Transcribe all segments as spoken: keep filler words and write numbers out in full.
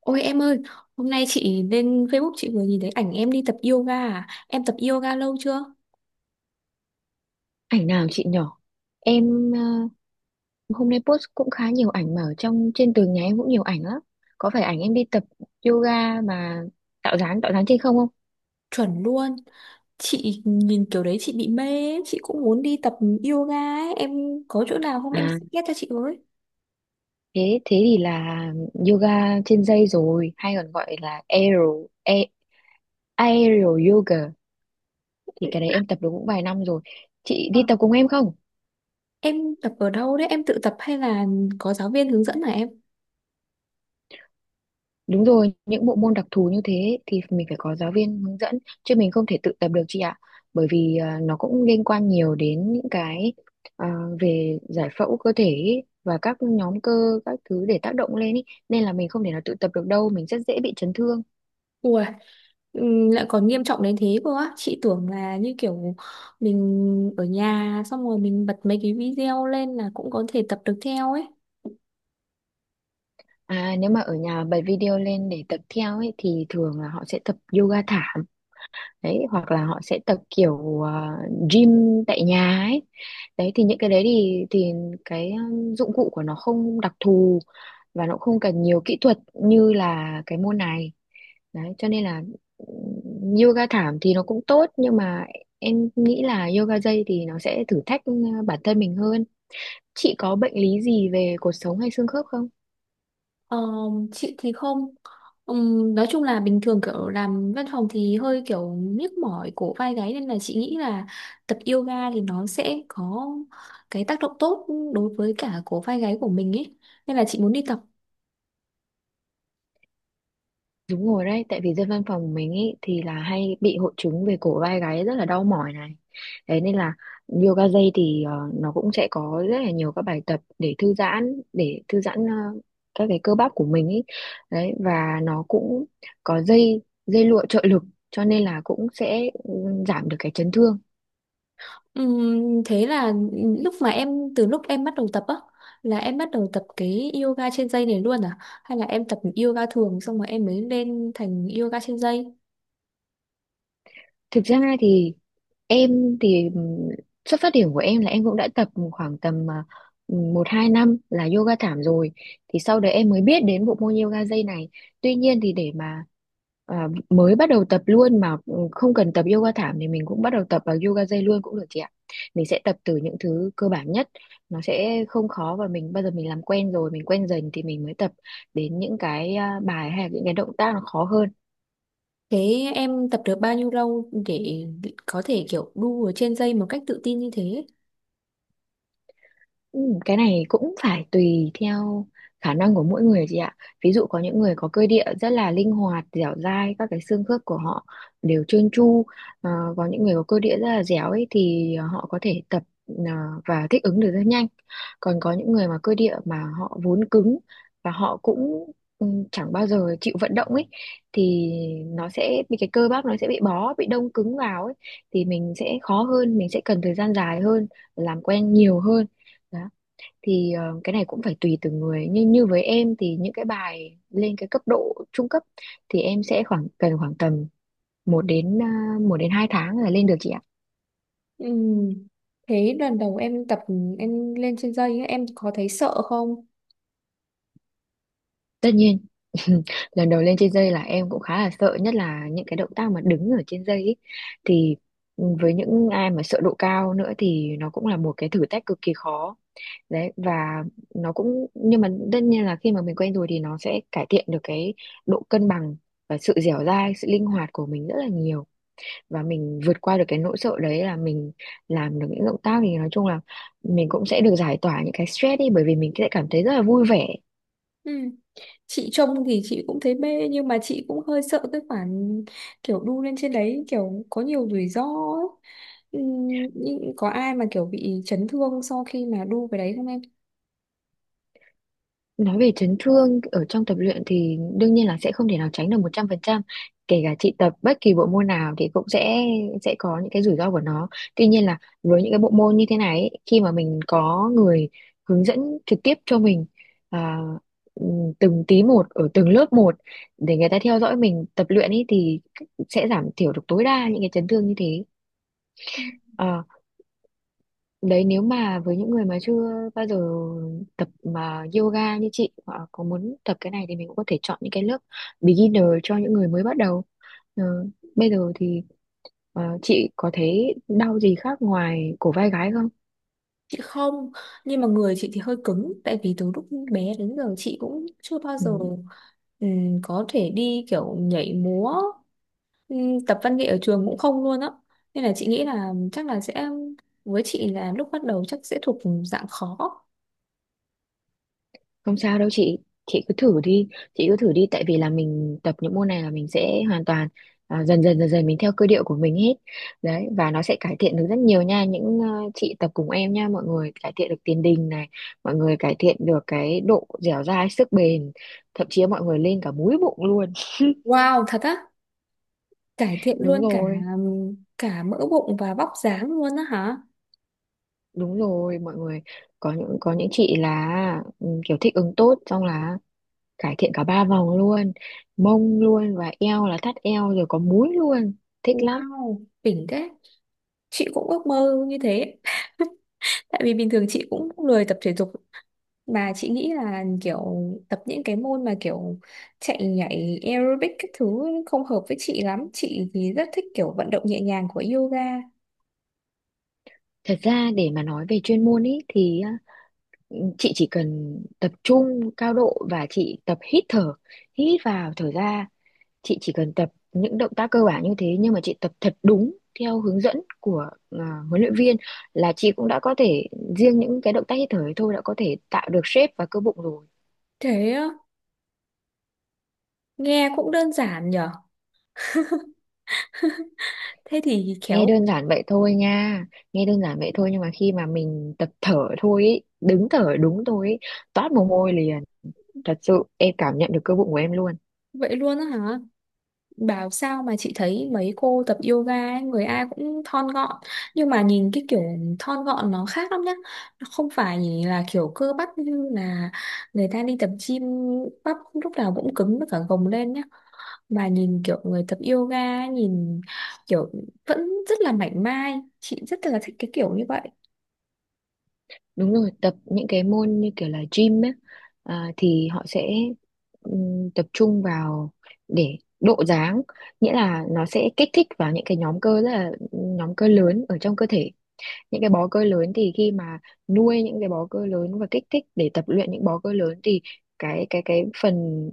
Ôi em ơi, hôm nay chị lên Facebook chị vừa nhìn thấy ảnh em đi tập yoga à? Em tập yoga lâu chưa? Ảnh nào chị nhỏ? Em, ờ, hôm nay post cũng khá nhiều ảnh mà ở trong trên tường nhà em cũng nhiều ảnh lắm. Có phải ảnh em đi tập yoga mà tạo dáng tạo dáng trên không không? Chuẩn luôn. Chị nhìn kiểu đấy chị bị mê, ấy. Chị cũng muốn đi tập yoga ấy. Em có chỗ nào không, em À, suggest cho chị với. thế thế thì là yoga trên dây rồi, hay còn gọi là aero a- aero yoga thì cái đấy em tập được cũng vài năm rồi. Chị Ờ, đi tập cùng em không? Em tập ở đâu đấy? Em tự tập hay là có giáo viên hướng dẫn hả em? Đúng rồi, những bộ môn đặc thù như thế thì mình phải có giáo viên hướng dẫn chứ mình không thể tự tập được chị ạ. Bởi vì à, nó cũng liên quan nhiều đến những cái à, về giải phẫu cơ thể ý, và các nhóm cơ các thứ để tác động lên ý. Nên là mình không thể nào tự tập được đâu, mình rất dễ bị chấn thương. Ủa, ừm, lại còn nghiêm trọng đến thế cơ á. Chị tưởng là như kiểu mình ở nhà xong rồi mình bật mấy cái video lên là cũng có thể tập được theo ấy. À, nếu mà ở nhà bật video lên để tập theo ấy thì thường là họ sẽ tập yoga thảm đấy, hoặc là họ sẽ tập kiểu à, gym tại nhà ấy đấy. Thì những cái đấy thì thì cái um, dụng cụ của nó không đặc thù và nó cũng không cần nhiều kỹ thuật như là cái môn này đấy, cho nên là ừm, yoga thảm thì nó cũng tốt nhưng mà em nghĩ là yoga dây thì nó sẽ thử thách ừ, bản thân mình hơn. Chị có bệnh lý gì về cột sống hay xương khớp không? Ờ, chị thì không. Ừm, nói chung là bình thường kiểu làm văn phòng thì hơi kiểu nhức mỏi cổ vai gáy, nên là chị nghĩ là tập yoga thì nó sẽ có cái tác động tốt đối với cả cổ vai gáy của mình ấy, nên là chị muốn đi tập. Đúng rồi đấy, tại vì dân văn phòng của mình ý, thì là hay bị hội chứng về cổ vai gáy rất là đau mỏi này. Thế nên là yoga dây thì ờ, nó cũng sẽ có rất là nhiều các bài tập để thư giãn, để thư giãn ờ, các cái cơ bắp của mình ý. Đấy, và nó cũng có dây dây lụa trợ lực, cho nên là cũng sẽ ừ, giảm được cái chấn thương. Ừm, thế là lúc mà em từ lúc em bắt đầu tập á là em bắt đầu tập cái yoga trên dây này luôn à, hay là em tập yoga thường xong rồi em mới lên thành yoga trên dây? Thực ra thì em thì ừm, xuất phát điểm của em là em cũng đã tập khoảng tầm à, một hai năm là yoga thảm rồi, thì sau đấy em mới biết đến bộ môn yoga dây này. Tuy nhiên thì để mà à, mới bắt đầu tập luôn mà không cần tập yoga thảm thì mình cũng bắt đầu tập vào yoga dây luôn cũng được chị ạ. Mình sẽ tập từ những thứ cơ bản nhất, nó sẽ không khó, và mình bây giờ mình làm quen rồi mình quen dần thì mình mới tập đến những cái à, bài hay là những cái động tác nó khó hơn. Thế em tập được bao nhiêu lâu để có thể kiểu đu ở trên dây một cách tự tin như thế? Ừ, cái này cũng phải tùy theo khả năng của mỗi người chị ạ. Ví dụ có những người có cơ địa rất là linh hoạt, dẻo dai, các cái xương khớp của họ đều trơn tru. Ờ, có những người có cơ địa rất là dẻo ấy thì họ có thể tập ờ, và thích ứng được rất nhanh. Còn có những người mà cơ địa mà họ vốn cứng và họ cũng ừ, chẳng bao giờ chịu vận động ấy thì nó sẽ bị, cái cơ bắp nó sẽ bị bó, bị đông cứng vào ấy, thì mình sẽ khó hơn, mình sẽ cần thời gian dài hơn, làm quen nhiều hơn đó. Thì ờ, cái này cũng phải tùy từng người, nhưng như với em thì những cái bài lên cái cấp độ trung cấp thì em sẽ khoảng cần khoảng tầm một đến uh, một đến hai tháng là lên được chị ạ. Ừm, Thế lần đầu em tập em lên trên dây ấy, em có thấy sợ không? Tất nhiên lần đầu lên trên dây là em cũng khá là sợ, nhất là những cái động tác mà đứng ở trên dây ấy. Thì ừ, với những ai mà sợ độ cao nữa thì nó cũng là một cái thử thách cực kỳ khó đấy. Và nó cũng, nhưng mà tất nhiên là khi mà mình quen rồi thì nó sẽ cải thiện được cái độ cân bằng và sự dẻo dai, sự linh hoạt của mình rất là nhiều. Và mình vượt qua được cái nỗi sợ đấy là mình làm được những động tác, thì nói chung là mình cũng sẽ được giải tỏa những cái stress đi, bởi vì mình sẽ cảm thấy rất là vui vẻ. Ừm, Chị trông thì chị cũng thấy mê nhưng mà chị cũng hơi sợ cái khoản kiểu đu lên trên đấy, kiểu có nhiều rủi ro ấy. Ừm, nhưng có ai mà kiểu bị chấn thương sau khi mà đu cái đấy không em? Nói về chấn thương ở trong tập luyện thì đương nhiên là sẽ không thể nào tránh được một trăm phần trăm. Kể cả chị tập bất kỳ bộ môn nào thì cũng sẽ sẽ có những cái rủi ro của nó. Tuy nhiên là với những cái bộ môn như thế này ấy, khi mà mình có người hướng dẫn trực tiếp cho mình à, ừm, từng tí một ở từng lớp một, để người ta theo dõi mình tập luyện ấy, thì sẽ giảm thiểu được tối đa những cái chấn thương như thế. Ờ. Đấy, nếu mà với những người mà chưa bao giờ tập mà yoga như chị hoặc có muốn tập cái này thì mình cũng có thể chọn những cái lớp beginner cho những người mới bắt đầu. Ờ, Bây giờ thì ờ, chị có thấy đau gì khác ngoài cổ vai gáy không? Chị không, nhưng mà người chị thì hơi cứng. Tại vì từ lúc bé đến giờ chị cũng chưa bao giờ Ừ. ừm, có thể đi kiểu nhảy múa, ừm, tập văn nghệ ở trường cũng không luôn á. Nên là chị nghĩ là chắc là sẽ, với chị là lúc bắt đầu chắc sẽ thuộc dạng khó. Không sao đâu chị, chị cứ thử đi, chị cứ thử đi, tại vì là mình tập những môn này là mình sẽ hoàn toàn à, dần dần dần dần mình theo cơ điệu của mình hết. Đấy, và nó sẽ cải thiện được rất nhiều nha, những ờ, chị tập cùng em nha, mọi người cải thiện được tiền đình này, mọi người cải thiện được cái độ dẻo dai, sức bền, thậm chí mọi người lên cả múi bụng luôn. Wow, thật á, cải thiện Đúng luôn cả rồi, cả mỡ bụng và vóc dáng luôn á hả? đúng rồi, mọi người có những có những chị là ừ, kiểu thích ứng tốt xong là cải thiện cả ba vòng luôn, mông luôn và eo là thắt eo rồi có múi luôn, thích lắm. Wow, đỉnh thế. Chị cũng ước mơ như thế. Tại vì bình thường chị cũng lười tập thể dục. Mà chị nghĩ là kiểu tập những cái môn mà kiểu chạy nhảy aerobic các thứ không hợp với chị lắm. Chị thì rất thích kiểu vận động nhẹ nhàng của yoga. Thật ra để mà nói về chuyên môn ý thì á, chị chỉ cần tập trung cao độ và chị tập hít thở, hít vào thở ra, chị chỉ cần tập những động tác cơ bản như thế, nhưng mà chị tập thật đúng theo hướng dẫn của à, huấn luyện viên là chị cũng đã có thể, riêng những cái động tác hít thở ấy thôi đã có thể tạo được shape và cơ bụng rồi. Thế á, nghe cũng đơn giản nhở. Thế thì Nghe khéo đơn giản vậy thôi nha, nghe đơn giản vậy thôi nhưng mà khi mà mình tập thở thôi ý, đứng thở đúng thôi ý, toát mồ hôi liền, thật sự em cảm nhận được cơ bụng của em luôn. vậy luôn á hả? Bảo sao mà chị thấy mấy cô tập yoga ấy, người ai cũng thon gọn. Nhưng mà nhìn cái kiểu thon gọn nó khác lắm nhá. Nó không phải là kiểu cơ bắp như là người ta đi tập gym, bắp lúc nào cũng cứng với cả gồng lên nhá. Bà nhìn kiểu người tập yoga ấy, nhìn kiểu vẫn rất là mảnh mai, chị rất là thích cái kiểu như vậy. Đúng rồi, tập những cái môn như kiểu là gym ấy, à, thì họ sẽ ừm, tập trung vào để độ dáng, nghĩa là nó sẽ kích thích vào những cái nhóm cơ rất là, nhóm cơ lớn ở trong cơ thể, những cái bó cơ lớn. Thì khi mà nuôi những cái bó cơ lớn và kích thích để tập luyện những bó cơ lớn thì cái cái cái phần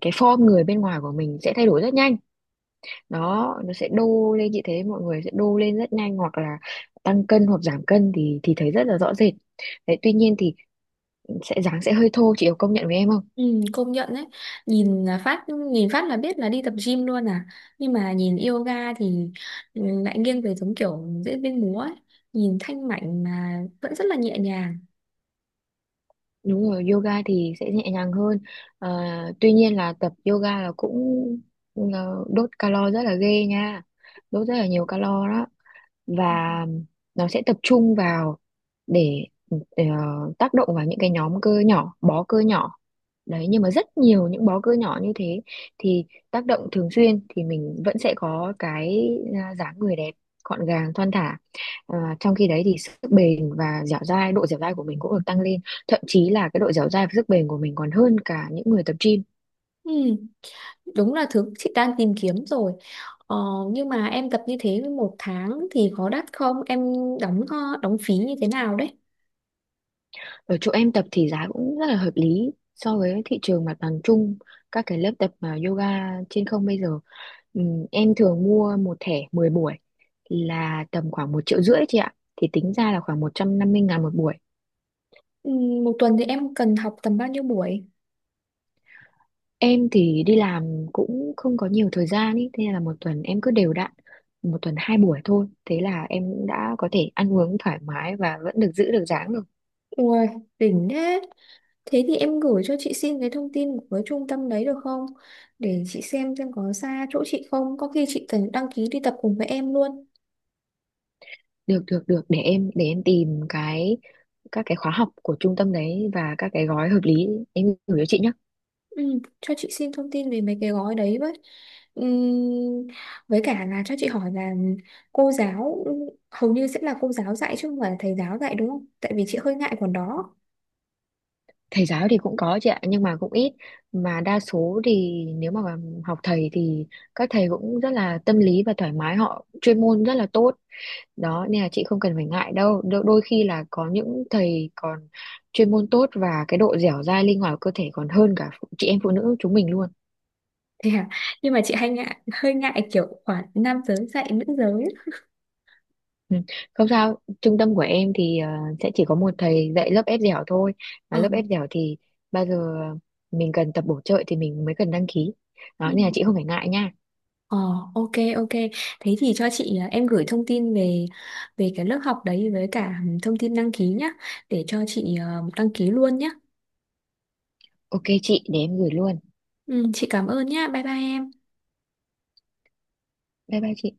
cái form người bên ngoài của mình sẽ thay đổi rất nhanh đó. Nó sẽ đô lên, chị thấy mọi người sẽ đô lên rất nhanh, hoặc là tăng cân hoặc giảm cân thì thì thấy rất là rõ rệt đấy. Tuy nhiên thì sẽ dáng sẽ hơi thô, chị có công nhận với em không? Ừ, công nhận đấy, nhìn là phát, nhìn phát là biết là đi tập gym luôn à, nhưng mà nhìn yoga thì ừ, lại nghiêng về giống kiểu diễn viên múa ấy, nhìn thanh mảnh mà vẫn rất là nhẹ nhàng. Đúng rồi, yoga thì sẽ nhẹ nhàng hơn. Ờ, Tuy nhiên là tập yoga là cũng ờ, đốt calo rất là ghê nha, đốt rất là nhiều calo đó. Và nó sẽ tập trung vào để, để ờ, tác động vào những cái nhóm cơ nhỏ, bó cơ nhỏ. Đấy, nhưng mà rất nhiều những bó cơ nhỏ như thế thì tác động thường xuyên thì mình vẫn sẽ có cái à, dáng người đẹp, gọn gàng, thon thả. À, trong khi đấy thì sức bền và dẻo dai, độ dẻo dai của mình cũng được tăng lên. Thậm chí là cái độ dẻo dai và sức bền của mình còn hơn cả những người tập gym. Ừ, đúng là thứ chị đang tìm kiếm rồi. ờ, nhưng mà em tập như thế một tháng thì có đắt không em, đóng ờ, đóng phí như thế nào đấy? Ở chỗ em tập thì giá cũng rất là hợp lý so với thị trường mặt bằng chung các cái lớp tập mà yoga trên không bây giờ. Ừm, em thường mua một thẻ mười buổi là tầm khoảng một triệu rưỡi chị ạ, thì tính ra là khoảng một trăm năm mươi ngàn một buổi. Ừ, Một tuần thì em cần học tầm bao nhiêu buổi? Em thì đi làm cũng không có nhiều thời gian ý, thế nên là một tuần em cứ đều đặn một tuần hai buổi thôi, thế là em cũng đã có thể ăn uống thoải mái và vẫn được giữ được dáng được. Ui, đỉnh thế. Thế thì em gửi cho chị xin cái thông tin của cái trung tâm đấy được không? Để chị xem xem có xa chỗ chị không. Có khi chị cần đăng ký đi tập cùng với em luôn. Được, được, được, để em để em tìm cái các cái khóa học của trung tâm đấy và các cái gói hợp lý, em gửi cho chị nhé. Ừ, cho chị xin thông tin về mấy cái gói đấy với. Ừm, với cả là cho chị hỏi là cô giáo hầu như sẽ là cô giáo dạy chứ không phải là thầy giáo dạy đúng không? Tại vì chị hơi ngại khoản đó. Thầy giáo thì cũng có chị ạ nhưng mà cũng ít. Mà đa số thì nếu mà học thầy thì các thầy cũng rất là tâm lý và thoải mái, họ chuyên môn rất là tốt đó, nên là chị không cần phải ngại đâu. Đôi, đôi khi là có những thầy còn chuyên môn tốt và cái độ dẻo dai linh hoạt của cơ thể còn hơn cả chị em phụ nữ chúng mình luôn. Thế à? Nhưng mà chị hay ngại, hơi ngại kiểu khoản nam giới dạy nữ giới. Ừ, không sao, trung tâm của em thì ờ, sẽ chỉ có một thầy dạy lớp ép dẻo thôi. Mà Ờ. lớp ép dẻo thì bao giờ mình cần tập bổ trợ thì mình mới cần đăng ký. Đó, Ừ. nên là chị không phải ngại nha. Ờ, ok ok, thế thì cho chị à, em gửi thông tin về về cái lớp học đấy với cả thông tin đăng ký nhá, để cho chị à, đăng ký luôn nhá. Ok chị, để em gửi luôn. Ừ, chị cảm ơn nhá, bye bye em. Bye bye chị.